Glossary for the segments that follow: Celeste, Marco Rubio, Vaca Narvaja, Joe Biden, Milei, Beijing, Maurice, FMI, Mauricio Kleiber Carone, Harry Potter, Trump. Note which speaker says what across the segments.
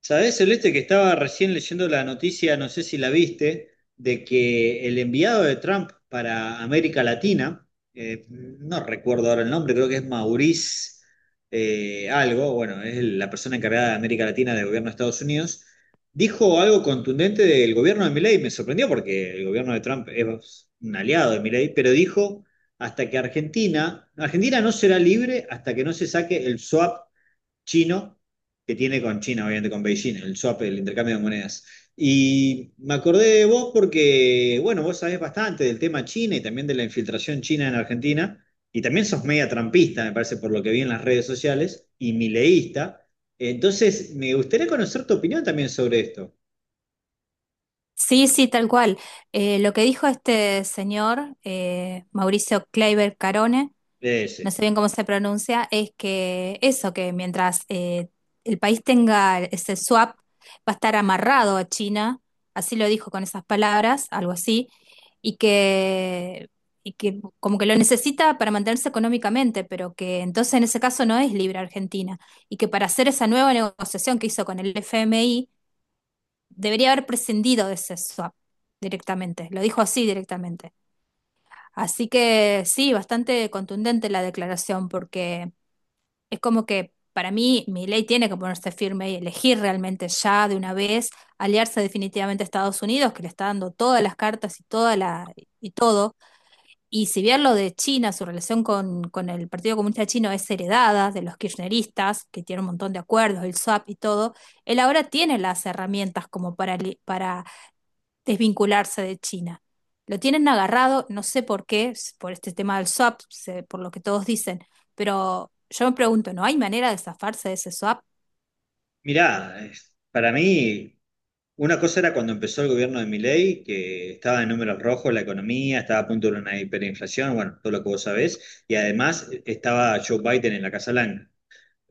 Speaker 1: ¿Sabés, Celeste, que estaba recién leyendo la noticia, no sé si la viste, de que el enviado de Trump para América Latina, no recuerdo ahora el nombre, creo que es Maurice algo, bueno, es la persona encargada de América Latina del gobierno de Estados Unidos, dijo algo contundente del gobierno de Milei. Me sorprendió porque el gobierno de Trump es un aliado de Milei, pero dijo hasta que Argentina no será libre hasta que no se saque el swap chino que tiene con China, obviamente con Beijing, el swap, el intercambio de monedas. Y me acordé de vos porque, bueno, vos sabés bastante del tema China y también de la infiltración china en Argentina, y también sos media trampista, me parece, por lo que vi en las redes sociales, y mileísta. Entonces, me gustaría conocer tu opinión también sobre esto.
Speaker 2: Sí, sí, tal cual. Lo que dijo este señor, Mauricio Kleiber Carone,
Speaker 1: Es,
Speaker 2: no sé bien cómo se pronuncia, es que eso, que mientras el país tenga ese swap, va a estar amarrado a China, así lo dijo con esas palabras, algo así, y que, y que como que lo necesita para mantenerse económicamente, pero que entonces en ese caso no es libre Argentina, y que para hacer esa nueva negociación que hizo con el FMI, debería haber prescindido de ese swap directamente, lo dijo así directamente. Así que sí, bastante contundente la declaración, porque es como que para mí ley tiene que ponerse firme y elegir realmente ya de una vez aliarse definitivamente a Estados Unidos, que le está dando todas las cartas y toda la y todo. Y si bien lo de China, su relación con el Partido Comunista Chino es heredada de los kirchneristas, que tiene un montón de acuerdos, el swap y todo, él ahora tiene las herramientas como para, para desvincularse de China. Lo tienen agarrado, no sé por qué, por este tema del swap, por lo que todos dicen, pero yo me pregunto, ¿no hay manera de zafarse de ese swap?
Speaker 1: mirá, para mí... Una cosa era cuando empezó el gobierno de Milei, que estaba en números rojos la economía, estaba a punto de una hiperinflación, bueno, todo lo que vos sabés, y además estaba Joe Biden en la Casa Blanca.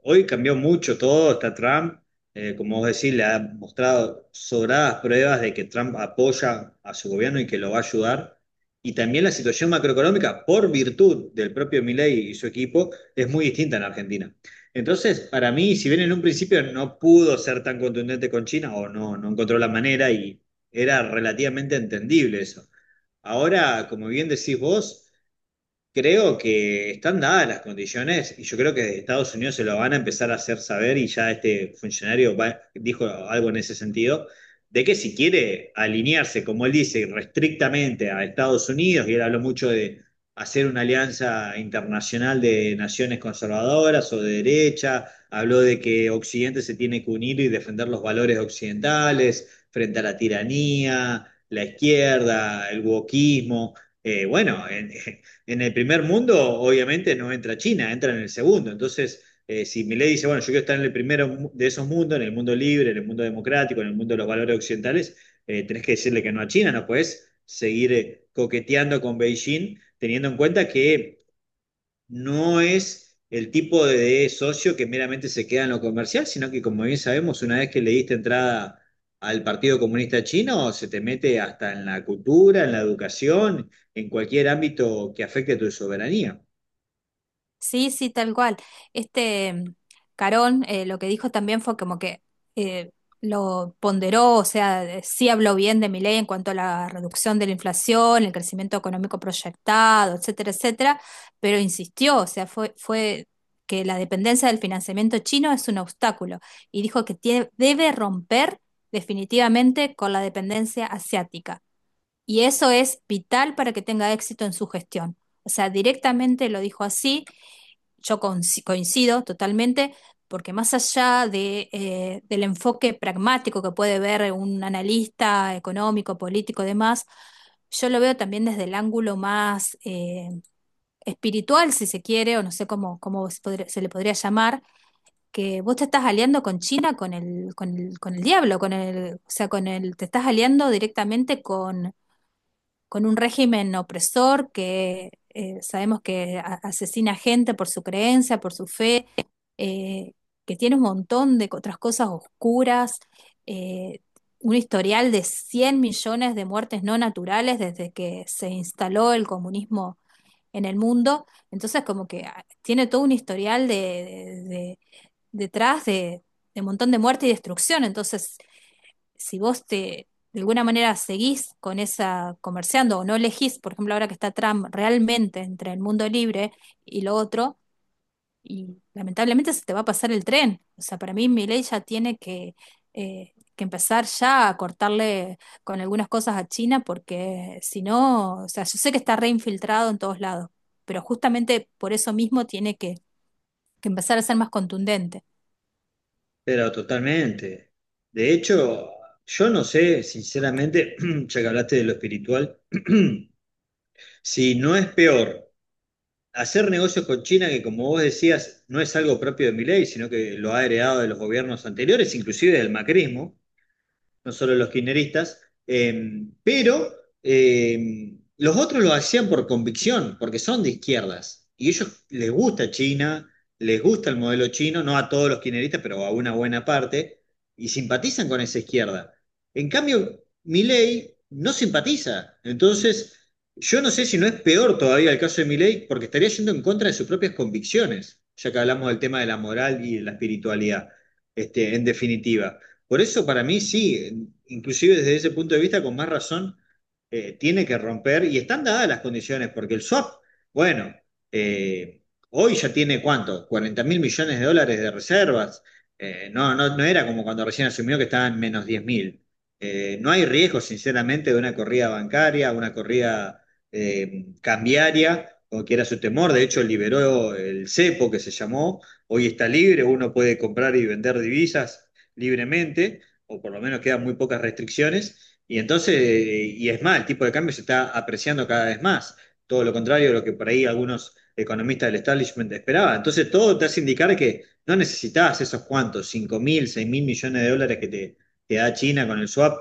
Speaker 1: Hoy cambió mucho todo, está Trump, como vos decís, le ha mostrado sobradas pruebas de que Trump apoya a su gobierno y que lo va a ayudar. Y también la situación macroeconómica, por virtud del propio Milei y su equipo, es muy distinta en Argentina. Entonces, para mí, si bien en un principio no pudo ser tan contundente con China o no, no encontró la manera y era relativamente entendible eso. Ahora, como bien decís vos, creo que están dadas las condiciones y yo creo que Estados Unidos se lo van a empezar a hacer saber y ya este funcionario dijo algo en ese sentido, de que si quiere alinearse, como él dice, restrictamente a Estados Unidos. Y él habló mucho de hacer una alianza internacional de naciones conservadoras o de derecha, habló de que Occidente se tiene que unir y defender los valores occidentales frente a la tiranía, la izquierda, el wokismo. Bueno, en el primer mundo, obviamente no entra China, entra en el segundo. Entonces, si Milei dice, bueno, yo quiero estar en el primero de esos mundos, en el mundo libre, en el mundo democrático, en el mundo de los valores occidentales, tenés que decirle que no a China, no puedes seguir coqueteando con Beijing, teniendo en cuenta que no es el tipo de socio que meramente se queda en lo comercial, sino que como bien sabemos, una vez que le diste entrada al Partido Comunista Chino, se te mete hasta en la cultura, en la educación, en cualquier ámbito que afecte a tu soberanía.
Speaker 2: Sí, sí, tal cual. Este mm, Carón, lo que dijo también fue como que eh, lo ponderó, o sea, sí habló bien de Milei en cuanto a la reducción de la inflación, el crecimiento económico proyectado, etcétera, etcétera, pero insistió, o sea, fue que la dependencia del financiamiento chino es un obstáculo y dijo que debe romper definitivamente con la dependencia asiática. Y eso es vital para que tenga éxito en su gestión. O sea, directamente lo dijo así. Yo coincido totalmente, porque más allá de, del enfoque pragmático que puede ver un analista económico, político y demás, yo lo veo también desde el ángulo más espiritual, si se quiere, o no sé cómo, se le podría llamar, que vos te estás aliando con China, con el diablo, o sea, te estás aliando directamente con un régimen opresor que, sabemos que asesina gente por su creencia, por su fe, eh, que tiene un montón de otras cosas oscuras, eh, un historial de 100 millones de muertes no naturales desde que se instaló el comunismo en el mundo. Entonces, como que ah, tiene todo un historial de, de- de- detrás de un montón de muerte y destrucción. Entonces, si de alguna manera seguís con esa comerciando o no elegís, por ejemplo, ahora que está Trump realmente entre el mundo libre y lo otro, y lamentablemente se te va a pasar el tren. O sea, para mí Milei ya tiene que, empezar ya a cortarle con algunas cosas a China, porque si no, o sea, yo sé que está reinfiltrado en todos lados, pero justamente por eso mismo tiene que empezar a ser más contundente.
Speaker 1: Pero totalmente. De hecho, yo no sé, sinceramente, ya que hablaste de lo espiritual, si no es peor. Hacer negocios con China, que como vos decías, no es algo propio de Milei, sino que lo ha heredado de los gobiernos anteriores, inclusive del macrismo, no solo los kirchneristas, pero los otros lo hacían por convicción, porque son de izquierdas, y ellos les gusta China, les gusta el modelo chino, no a todos los kirchneristas, pero a una buena parte, y simpatizan con esa izquierda. En cambio, Milei no simpatiza, entonces... Yo no sé si no es peor todavía el caso de Milei, porque estaría yendo en contra de sus propias convicciones, ya que hablamos del tema de la moral y de la espiritualidad, este, en definitiva. Por eso para mí sí, inclusive desde ese punto de vista, con más razón, tiene que romper y están dadas las condiciones, porque el swap, bueno, eh, hoy ya tiene cuánto, 40.000 millones de dólares de reservas. No, no, no era como cuando recién asumió que estaban menos 10.000. No hay riesgo, sinceramente, de una corrida bancaria, una corrida cambiaria, como quiera su temor. De hecho, liberó el cepo que se llamó. Hoy está libre, uno puede comprar y vender divisas libremente, o por lo menos quedan muy pocas restricciones, y entonces, y es más, el tipo de cambio se está apreciando cada vez más, todo lo contrario de lo que por ahí algunos economistas del establishment esperaban. Entonces, todo te hace indicar que no necesitas esos cuantos, 5.000, 6.000 millones de dólares que te da China con el swap.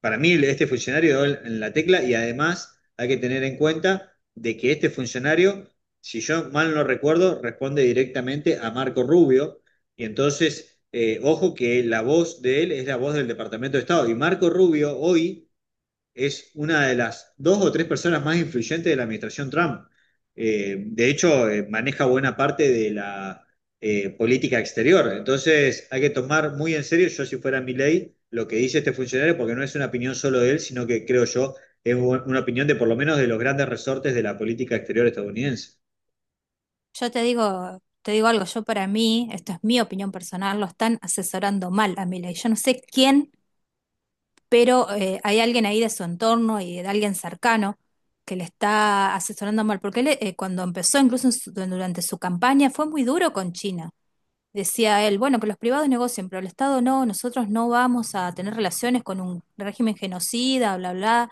Speaker 1: Para mí este funcionario dio en la tecla y además hay que tener en cuenta de que este funcionario, si yo mal no recuerdo, responde directamente a Marco Rubio y entonces, ojo que la voz de él es la voz del Departamento de Estado y Marco Rubio hoy es una de las dos o tres personas más influyentes de la administración Trump. De hecho, maneja buena parte de la política exterior. Entonces, hay que tomar muy en serio, yo si fuera mi ley, lo que dice este funcionario, porque no es una opinión solo de él, sino que creo yo es una opinión de por lo menos de los grandes resortes de la política exterior estadounidense.
Speaker 2: Yo te digo algo, yo para mí, esto es mi opinión personal, lo están asesorando mal a Milei. Yo no sé quién, pero hay alguien ahí de su entorno y de alguien cercano que le está asesorando mal, porque él, cuando empezó, incluso durante su campaña, fue muy duro con China. Decía él, bueno, que los privados negocien, pero el Estado no, nosotros no vamos a tener relaciones con un régimen genocida, bla, bla.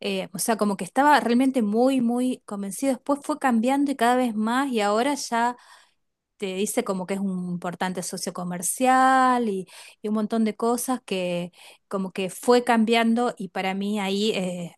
Speaker 2: O sea, como que estaba realmente muy convencido. Después fue cambiando y cada vez más, y ahora ya te dice como que es un importante socio comercial y un montón de cosas que como que fue cambiando y para mí ahí,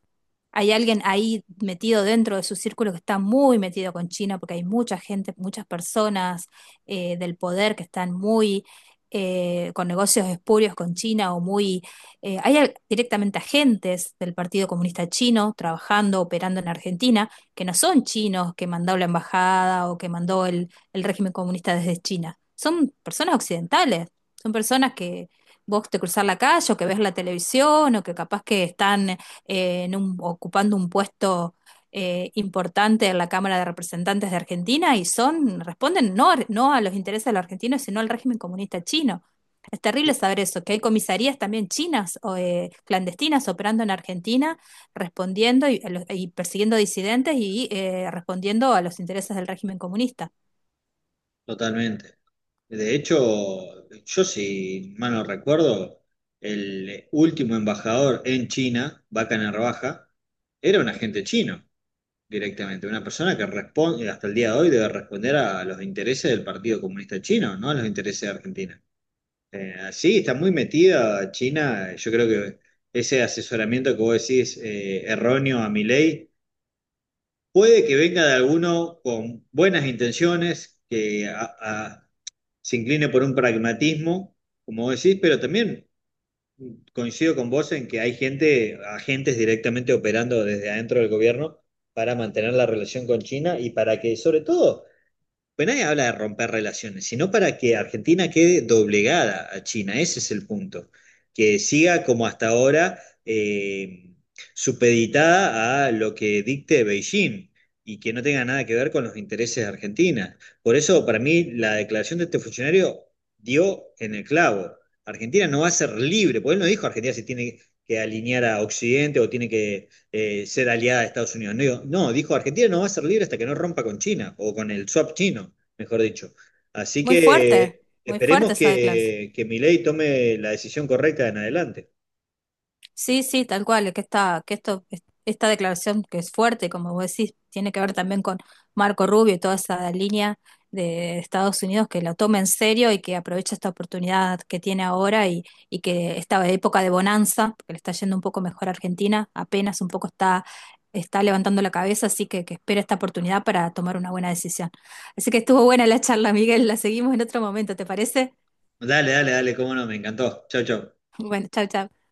Speaker 2: hay alguien ahí metido dentro de su círculo que está muy metido con China, porque hay mucha gente, muchas personas, del poder que están muy, con negocios espurios con China o muy... Eh, hay directamente agentes del Partido Comunista Chino trabajando, operando en Argentina, que no son chinos que mandó la embajada o que mandó el régimen comunista desde China. Son personas occidentales, son personas que vos te cruzás la calle o que ves la televisión o que capaz que están, ocupando un puesto, importante en la Cámara de Representantes de Argentina y son, responden no, no a los intereses de los argentinos, sino al régimen comunista chino. Es terrible saber eso, que hay comisarías también chinas o, clandestinas operando en Argentina, respondiendo a los- y persiguiendo disidentes y, respondiendo a los intereses del régimen comunista.
Speaker 1: Totalmente. De hecho, yo si mal no recuerdo, el último embajador en China, Vaca Narvaja, era un agente chino directamente, una persona que responde, hasta el día de hoy debe responder a los intereses del Partido Comunista Chino, no a los intereses de Argentina. Sí, está muy metida China. Yo creo que ese asesoramiento que vos decís erróneo a mi ley puede que venga de alguno con buenas intenciones, que se incline por un pragmatismo, como decís, pero también coincido con vos en que hay gente, agentes directamente operando desde adentro del gobierno para mantener la relación con China y para que, sobre todo, pues nadie habla de romper relaciones, sino para que Argentina quede doblegada a China. Ese es el punto. Que siga como hasta ahora eh, supeditada a lo que dicte Beijing y que no tenga nada que ver con los intereses de Argentina. Por eso, para mí, la declaración de este funcionario dio en el clavo. Argentina no va a ser libre, porque él no dijo Argentina se tiene que alinear a Occidente o tiene que ser aliada de Estados Unidos. No, digo, no, dijo Argentina no va a ser libre hasta que no rompa con China o con el swap chino, mejor dicho. Así
Speaker 2: Muy fuerte,
Speaker 1: que
Speaker 2: muy fuerte
Speaker 1: esperemos
Speaker 2: esa declaración.
Speaker 1: que Milei tome la decisión correcta en adelante.
Speaker 2: Sí, sí, tal cual, es que esta declaración que es fuerte, como vos decís, tiene que ver también con Marco Rubio y toda esa línea de Estados Unidos que la toma en serio y que aprovecha esta oportunidad que tiene ahora y que esta época de bonanza, porque le está yendo un poco mejor a Argentina, apenas un poco está levantando la cabeza, así que espera esta oportunidad para tomar una buena decisión. Así que estuvo buena la charla, Miguel, la seguimos en otro momento, ¿te parece?
Speaker 1: Dale, dale, dale, cómo no, me encantó. Chau, chau.
Speaker 2: Bueno, chau chau.